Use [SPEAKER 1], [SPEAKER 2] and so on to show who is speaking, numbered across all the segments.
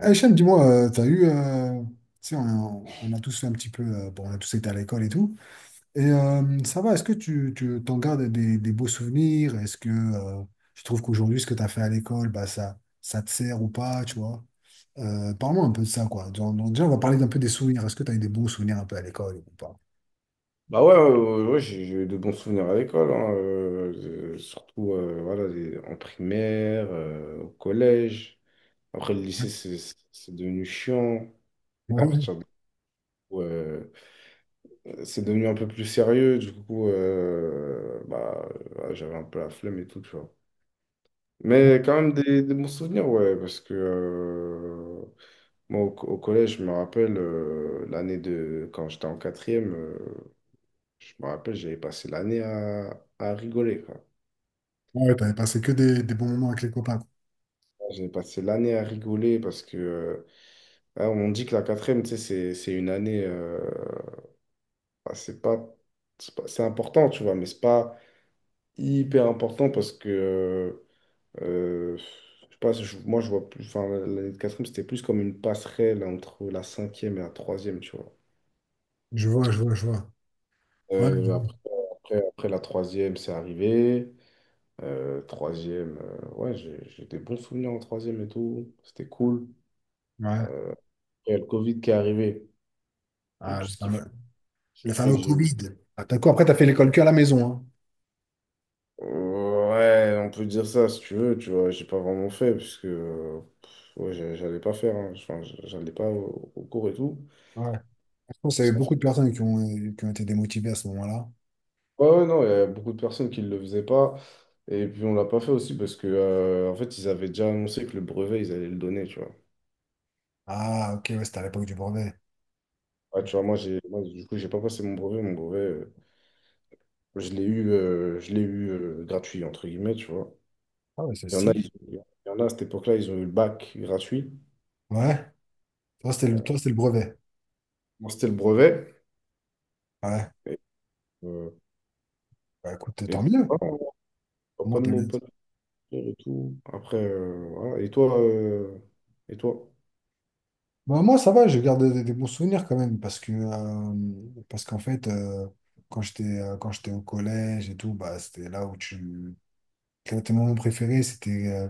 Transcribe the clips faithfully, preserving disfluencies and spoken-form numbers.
[SPEAKER 1] Eh, Hichem, dis-moi, euh, t'as eu, euh, tu sais, on, on a tous fait un petit peu, euh, bon, on a tous été à l'école et tout. Et euh, ça va, est-ce que tu, tu t'en gardes des, des beaux souvenirs? Est-ce que euh, tu trouves qu'aujourd'hui, ce que tu as fait à l'école, bah, ça, ça te sert ou pas, tu vois? Euh, parle-moi un peu de ça, quoi. Genre, donc, déjà, on va parler un peu des souvenirs. Est-ce que tu as eu des bons souvenirs un peu à l'école ou pas?
[SPEAKER 2] Bah ouais, ouais, ouais, ouais, j'ai j'ai eu de bons souvenirs à l'école, hein. Euh, euh, surtout euh, voilà, les- en primaire, euh, au collège. Après, le lycée, c'est c'est- c'est devenu chiant. À
[SPEAKER 1] Ouais,
[SPEAKER 2] partir de- ouais, c'est devenu un peu plus sérieux, du coup, euh, bah, ouais, j'avais un peu la flemme et tout, tu vois. Mais quand même des, des bons souvenirs, ouais, parce que euh, moi, au, co- au collège, je me rappelle euh, l'année de... Quand j'étais en quatrième, euh, je me rappelle, j'avais passé l'année à, à rigoler, quoi.
[SPEAKER 1] ouais, t'avais passé que des, des bons moments avec les copains, quoi.
[SPEAKER 2] J'ai passé l'année à rigoler parce que euh, hein, on dit que la quatrième, tu sais, c'est c'est une année, euh, bah, c'est pas, c'est pas- c'est important, tu vois, mais c'est pas hyper important parce que, euh, euh, je sais pas, je- moi je vois plus, enfin, l'année de quatrième, c'était plus comme une passerelle entre la cinquième et la troisième, tu vois.
[SPEAKER 1] Je vois, je vois, je vois. Ouais, je
[SPEAKER 2] Euh,
[SPEAKER 1] vois.
[SPEAKER 2] après, après, après la troisième, c'est arrivé. Euh, troisième, euh, ouais, j'ai j'ai des bons souvenirs en troisième et tout, c'était cool.
[SPEAKER 1] Ouais.
[SPEAKER 2] Euh, et le Covid qui est arrivé,
[SPEAKER 1] Ah, le
[SPEAKER 2] ce qui fait
[SPEAKER 1] fameux,
[SPEAKER 2] Ce
[SPEAKER 1] le
[SPEAKER 2] qui fait que
[SPEAKER 1] fameux
[SPEAKER 2] j'ai eu.
[SPEAKER 1] Covid. Ah, t'as quoi? Après, t'as fait l'école que à la maison,
[SPEAKER 2] Ouais, on peut dire ça si tu veux, tu vois. J'ai pas vraiment fait, parce que euh, pff, ouais, j'a- j'allais pas faire, hein. Enfin, j'a- j'allais pas au, au cours et tout.
[SPEAKER 1] hein. Je pense qu'il y a
[SPEAKER 2] Parce
[SPEAKER 1] eu
[SPEAKER 2] qu'en
[SPEAKER 1] beaucoup
[SPEAKER 2] fait,
[SPEAKER 1] de personnes qui ont, qui ont été démotivées à ce moment-là.
[SPEAKER 2] ouais, ouais, non, il y a beaucoup de personnes qui le faisaient pas. Et puis, on l'a pas fait aussi parce que, euh, en fait, ils avaient déjà annoncé que le brevet, ils allaient le donner, tu vois.
[SPEAKER 1] Ah, ok, ouais, c'était à l'époque du brevet.
[SPEAKER 2] Ouais, tu vois, moi, j'ai, moi, du coup, j'ai pas passé mon brevet. Mon brevet, euh, je l'ai eu, euh, je l'ai eu euh, gratuit, entre guillemets, tu vois.
[SPEAKER 1] Ah, ouais, c'est
[SPEAKER 2] Il y en a,
[SPEAKER 1] stylé.
[SPEAKER 2] ils- il y en a à cette époque-là, ils ont eu le bac gratuit.
[SPEAKER 1] Ouais, toi, c'était le, toi, c'était le brevet.
[SPEAKER 2] Moi, c'était le brevet.
[SPEAKER 1] Ouais, bah, écoute, tant
[SPEAKER 2] Et
[SPEAKER 1] mieux.
[SPEAKER 2] voilà,
[SPEAKER 1] Comment
[SPEAKER 2] pas de
[SPEAKER 1] t'as bien.
[SPEAKER 2] mots, pas de retour et tout. Après, euh, voilà. Et toi, euh, et toi?
[SPEAKER 1] Bah, moi, ça va, je garde des, des bons souvenirs quand même, parce que, euh, parce qu'en fait, euh, quand j'étais, euh, quand j'étais au collège et tout, bah, c'était là où tu. Quel était mon moment préféré, c'était euh,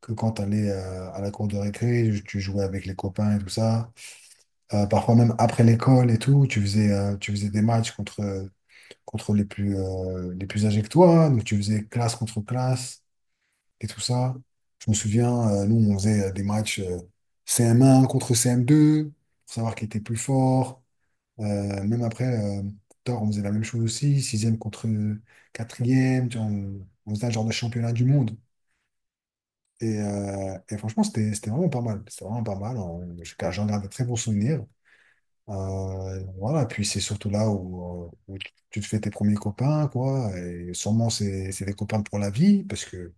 [SPEAKER 1] que quand t'allais allais à la cour de récré, tu jouais avec les copains et tout ça. Euh, parfois même après l'école et tout, tu faisais, euh, tu faisais des matchs contre, euh, contre les plus, euh, les plus âgés que toi, hein. Donc, tu faisais classe contre classe et tout ça. Je me souviens, euh, nous, on faisait euh, des matchs euh, C M un contre C M deux pour savoir qui était plus fort. Euh, même après, euh, plus tard, on faisait la même chose aussi, sixième contre quatrième. Tu vois, on, on faisait un genre de championnat du monde. Et, euh, et franchement, c'était c'était vraiment pas mal. C'était vraiment pas mal. On. J'en garde de très bons souvenirs. Euh, voilà, puis c'est surtout là où, euh, où tu tu te fais tes premiers copains, quoi. Et sûrement, c'est c'est des copains pour la vie, parce que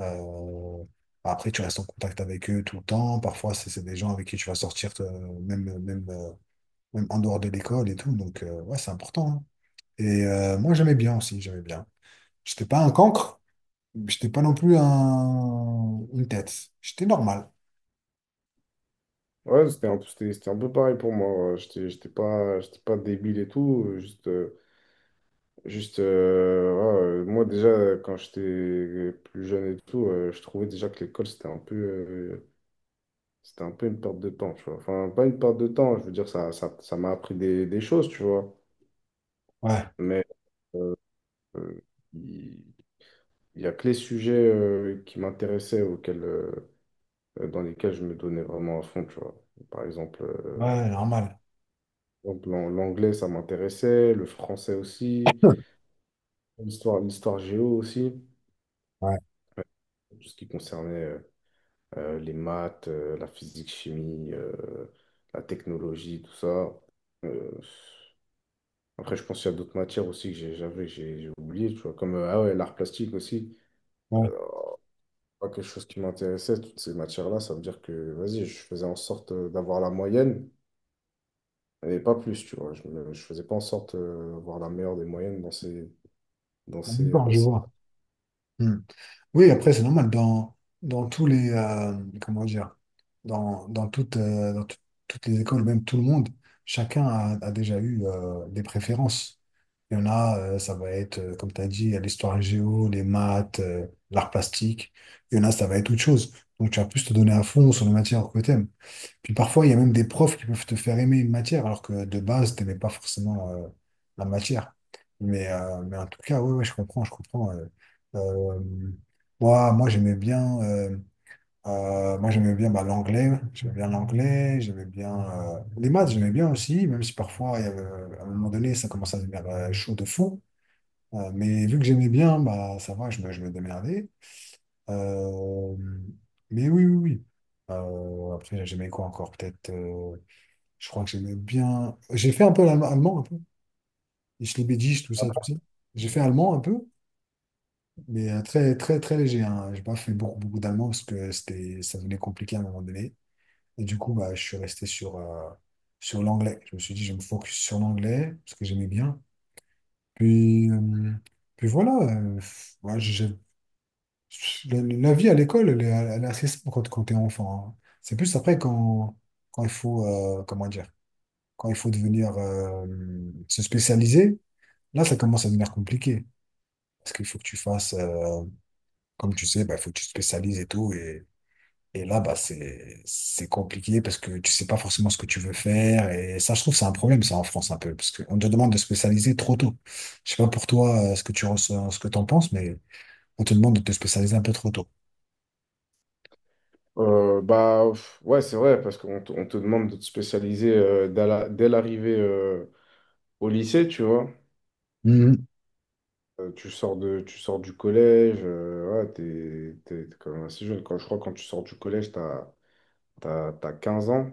[SPEAKER 1] euh, après, tu restes en contact avec eux tout le temps. Parfois, c'est c'est des gens avec qui tu vas sortir, euh, même, même, euh, même en dehors de l'école et tout. Donc, euh, ouais, c'est important, hein. Et euh, moi, j'aimais bien aussi, j'aimais bien. J'étais pas un cancre, j'étais pas non plus un, une tête. J'étais normal.
[SPEAKER 2] Ouais, c'était un, peu- c'était, c'était un peu pareil pour moi. Ouais. J'étais, j'étais pas, j'étais pas débile et tout. euh, Juste, euh, juste euh, voilà, euh, moi, déjà, euh, quand j'étais plus jeune et tout, euh, je trouvais déjà que l'école, c'était un peu, euh, c'était un peu une perte de temps, tu vois. Enfin, pas une perte de temps, je veux dire, ça, ça, ça m'a appris des, des choses, tu vois.
[SPEAKER 1] Ouais,
[SPEAKER 2] Mais euh, il il y, a que les sujets euh, qui m'intéressaient, auxquels. euh, euh, dans lesquels je me donnais vraiment à fond, tu vois. Par exemple, euh,
[SPEAKER 1] ouais, normal.
[SPEAKER 2] donc l'an- l'anglais, ça m'intéressait, le français aussi, l'histoire, l'histoire géo aussi,
[SPEAKER 1] Ouais,
[SPEAKER 2] tout ce qui concernait euh, euh, les maths, euh, la physique, chimie, euh, la technologie, tout ça. Euh, Après, je pense qu'il y a d'autres matières aussi que j'ai- j'avais, j'ai j'ai oublié, tu vois, comme euh, ah ouais, l'art plastique aussi.
[SPEAKER 1] ouais.
[SPEAKER 2] Euh, Pas quelque chose qui m'intéressait, toutes ces matières-là, ça veut dire que, vas-y, je faisais en sorte euh, d'avoir la moyenne et pas plus, tu vois. Je, me- je faisais pas en sorte euh, d'avoir la meilleure des moyennes dans ces... Dans ces
[SPEAKER 1] D'accord,
[SPEAKER 2] euh,
[SPEAKER 1] je
[SPEAKER 2] ces-
[SPEAKER 1] vois. Oui, après, c'est normal. Dans, dans tous les, euh, comment dire, dans, dans, toutes, euh, dans tout- toutes les écoles, même tout le monde, chacun a, a déjà eu euh, des préférences. Il y en a, euh, ça va être, euh, comme tu as dit, l'histoire géo, les maths, euh, l'art plastique. Il y en a, ça va être autre chose. Donc, tu vas plus te donner à fond sur les matières que tu aimes. Puis parfois, il y a même des profs qui peuvent te faire aimer une matière, alors que de base, tu n'aimais pas forcément euh, la matière. Mais, euh, mais en tout cas, oui, ouais, ouais, je comprends, je comprends. euh, euh, moi, moi j'aimais bien, euh, euh, moi, j'aimais bien bah, l'anglais, j'aimais bien l'anglais, j'aimais bien euh, les maths, j'aimais bien aussi, même si parfois, il y avait à un moment donné, ça commençait à devenir euh, chaud de fou. Euh, mais vu que j'aimais bien, bah, ça va, je me, je me démerdais. Euh, mais oui, oui, oui. Euh, après, j'aimais quoi encore? Peut-être, euh, je crois que j'aimais bien. J'ai fait un peu l'allemand, allemand un peu. Et Schliebedisch, tout ça, tout ça. J'ai fait allemand un peu, mais euh, très, très, très léger, hein. J'ai pas fait beaucoup, beaucoup d'allemand parce que c'était, ça devenait compliqué à un moment donné. Et du coup, bah, je suis resté sur, euh, sur l'anglais. Je me suis dit, je me focus sur l'anglais parce que j'aimais bien. Puis, euh, puis voilà. Euh, ouais, j'ai la, la vie à l'école, elle est, elle est assez simple quand, quand t'es enfant, hein. C'est plus après quand, quand il faut, euh, comment dire, quand il faut devenir, euh, se spécialiser. Là, ça commence à devenir compliqué. Parce qu'il faut que tu fasses, euh, comme tu sais, bah, il faut que tu te spécialises et tout. Et, et là, bah, c'est, c'est compliqué parce que tu sais pas forcément ce que tu veux faire. Et ça, je trouve, c'est un problème, ça, en France, un peu. Parce qu'on te demande de spécialiser trop tôt. Je sais pas pour toi, euh, ce que tu ressens, ce que t'en penses, mais on te demande de te spécialiser un peu trop tôt.
[SPEAKER 2] Euh, bah, pff, ouais, c'est vrai, parce qu'on te on te demande de te spécialiser euh, dès la- dès l'arrivée euh, au lycée, tu vois.
[SPEAKER 1] Mhm.
[SPEAKER 2] Euh, tu sors de, tu sors du collège, euh, ouais, t'es, t'es, t'es quand même assez jeune. Quand, je crois que quand tu sors du collège, t'as, t'as, t'as quinze ans.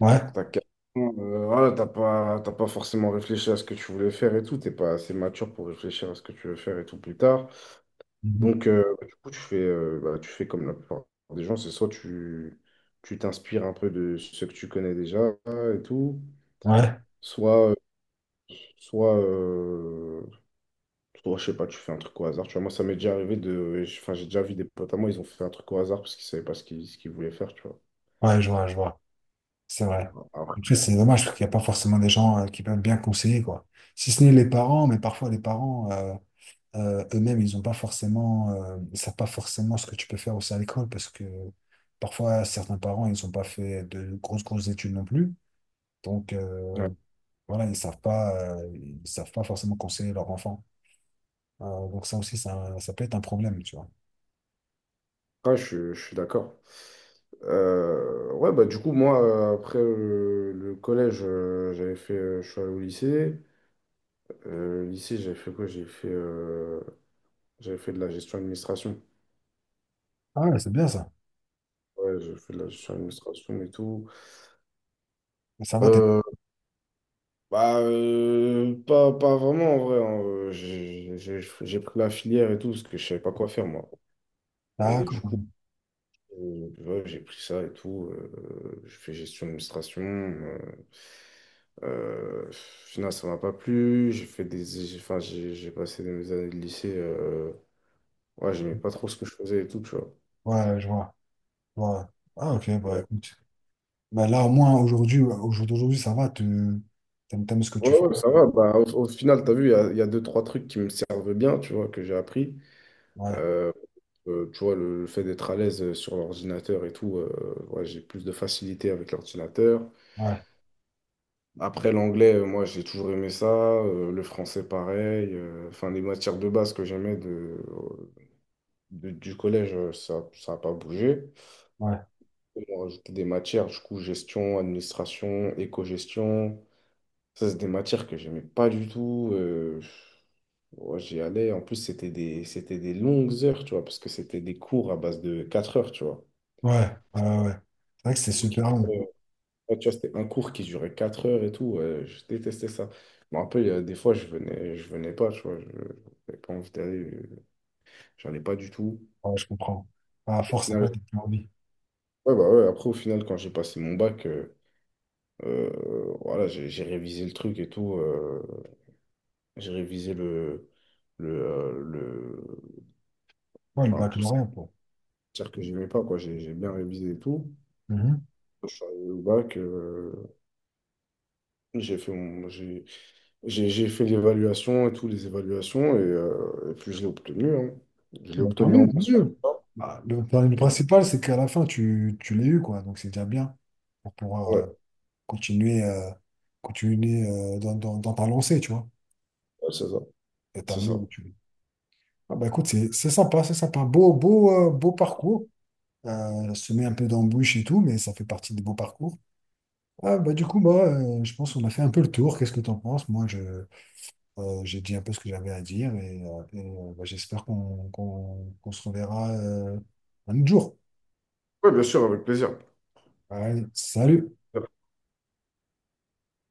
[SPEAKER 1] Ouais.
[SPEAKER 2] T'as quinze ans, euh, voilà, t'as pas, t'as pas forcément réfléchi à ce que tu voulais faire et tout. T'es pas assez mature pour réfléchir à ce que tu veux faire et tout plus tard.
[SPEAKER 1] Mhm.
[SPEAKER 2] Donc, euh, bah, du coup, tu fais, euh, bah, tu fais comme la plupart des gens, c'est soit tu tu t'inspires un peu de ce que tu connais déjà et tout,
[SPEAKER 1] Ouais.
[SPEAKER 2] soit, euh, soit, euh, soit, je sais pas, tu fais un truc au hasard. Tu vois, moi, ça m'est déjà arrivé de. Enfin, j'ai déjà vu des potes à moi, ils ont fait un truc au hasard parce qu'ils savaient pas ce qu'ils ce qu'ils voulaient faire, tu vois.
[SPEAKER 1] Ouais, je vois, je vois. C'est vrai.
[SPEAKER 2] Après,
[SPEAKER 1] Après, c'est dommage parce qu'il n'y a pas forcément des gens, euh, qui peuvent bien conseiller, quoi. Si ce n'est les parents, mais parfois les parents, euh, Euh, eux-mêmes, ils n'ont pas forcément, euh, ils savent pas forcément ce que tu peux faire aussi à l'école parce que parfois, certains parents, ils n'ont pas fait de grosses, grosses études non plus. Donc, euh, voilà, ils savent pas, euh, ils savent pas forcément conseiller leur enfant. Euh, donc, ça aussi, ça, ça peut être un problème, tu vois.
[SPEAKER 2] après, je, je suis d'accord. Euh, ouais, bah, du coup, moi, euh, après euh, le collège, euh, j'avais fait. Euh, je suis allé au lycée. Euh, lycée, j'avais fait quoi? J'ai fait. euh, J'avais fait de la gestion administration.
[SPEAKER 1] Ah ouais, c'est bien ça.
[SPEAKER 2] Ouais, j'ai fait de la gestion administration et tout.
[SPEAKER 1] Ça va, t'es...
[SPEAKER 2] Euh, Bah, euh, pas, pas vraiment en vrai. Hein. Euh, J'ai j'ai- j'ai pris la filière et tout parce que je savais pas quoi faire moi. Et du
[SPEAKER 1] D'accord.
[SPEAKER 2] coup, euh, ouais, j'ai pris ça et tout. Euh, je fais gestion administration. Euh, euh, finalement, ça m'a pas plu. J'ai fait des, j'ai- Enfin, j'ai j'ai passé mes années de lycée. Euh, ouais, j'aimais pas trop ce que je faisais et tout, tu vois.
[SPEAKER 1] Ouais, je vois. Ouais. Ah, ok, bah écoute. Bah, là, au moins, aujourd'hui, ouais, au jour d'aujourd'hui, ça va, tu t'aimes, t'aimes ce que
[SPEAKER 2] Ouais,
[SPEAKER 1] tu fais.
[SPEAKER 2] ouais, ça va. Bah, au, au final, tu as vu, il y a, il y a deux, trois trucs qui me servent bien, tu vois, que j'ai appris.
[SPEAKER 1] Ouais,
[SPEAKER 2] Euh, euh, Tu vois, le, le fait d'être à l'aise euh, sur l'ordinateur et tout, euh, ouais, j'ai plus de facilité avec l'ordinateur.
[SPEAKER 1] ouais,
[SPEAKER 2] Après, l'anglais, euh, moi, j'ai toujours aimé ça. Euh, le français, pareil. euh, Enfin, les matières de base que j'aimais de, de- du collège, euh, ça, ça n'a pas bougé.
[SPEAKER 1] ouais,
[SPEAKER 2] On rajouté des matières, du coup, gestion, administration, éco-gestion. Ça, c'est des matières que j'aimais pas du tout. euh, Ouais, j'y allais. En plus, c'était des, c'était des longues heures, tu vois, parce que c'était des cours à base de quatre heures, tu vois.
[SPEAKER 1] ouais, ouais, ouais, ouais. C'est vrai que c'est
[SPEAKER 2] Pour qui-
[SPEAKER 1] super
[SPEAKER 2] Euh,
[SPEAKER 1] long.
[SPEAKER 2] ouais, tu vois, c'était un cours qui durait quatre heures et tout. Ouais, je détestais ça. Je me rappelle, euh, des fois, je venais, je venais pas, tu vois. Je J'avais pas envie d'aller. euh, J'en ai pas du tout.
[SPEAKER 1] Ouais, je comprends. À
[SPEAKER 2] Au
[SPEAKER 1] force, après,
[SPEAKER 2] final,
[SPEAKER 1] t'as plus envie.
[SPEAKER 2] ouais, bah ouais, après, au final, quand j'ai passé mon bac, euh, euh, voilà, j'ai j'ai révisé le truc et tout. Euh, j'ai révisé le, le, euh, le,
[SPEAKER 1] Ouais, le
[SPEAKER 2] enfin, tout ça.
[SPEAKER 1] baccalauréat, quoi.
[SPEAKER 2] C'est-à-dire que j'aimais pas, quoi. J'ai j'ai bien révisé et tout.
[SPEAKER 1] Mhm.
[SPEAKER 2] Je suis arrivé au bac, euh, j'ai fait mon- j'ai, j'ai- j'ai fait l'évaluation et tout, les évaluations, et, euh, et puis je l'ai obtenu. Hein. Je
[SPEAKER 1] Ah,
[SPEAKER 2] l'ai
[SPEAKER 1] bah, tant
[SPEAKER 2] obtenu en
[SPEAKER 1] mieux, tant
[SPEAKER 2] mensuel.
[SPEAKER 1] mieux. Bah, le, enfin, le
[SPEAKER 2] Ouais,
[SPEAKER 1] principal, c'est qu'à la fin, tu, tu l'as eu, quoi. Donc, c'est déjà bien pour pouvoir
[SPEAKER 2] ouais,
[SPEAKER 1] euh, continuer, euh, continuer euh, dans, dans, dans ta lancée, tu vois.
[SPEAKER 2] c'est ça.
[SPEAKER 1] Et
[SPEAKER 2] C'est
[SPEAKER 1] t'amener
[SPEAKER 2] ça.
[SPEAKER 1] où tu veux. Ah, bah, écoute, c'est c'est sympa, c'est sympa. Beau, beau, euh, beau parcours. Euh, se met un peu d'embûches et tout, mais ça fait partie des beaux parcours. Ah, bah, du coup, moi, euh, je pense qu'on a fait un peu le tour. Qu'est-ce que tu en penses? Moi, je, euh, j'ai dit un peu ce que j'avais à dire et, euh, et, euh, bah, j'espère qu'on qu'on, qu'on se reverra euh, un autre jour.
[SPEAKER 2] Oui, bien sûr, avec plaisir.
[SPEAKER 1] Allez, salut!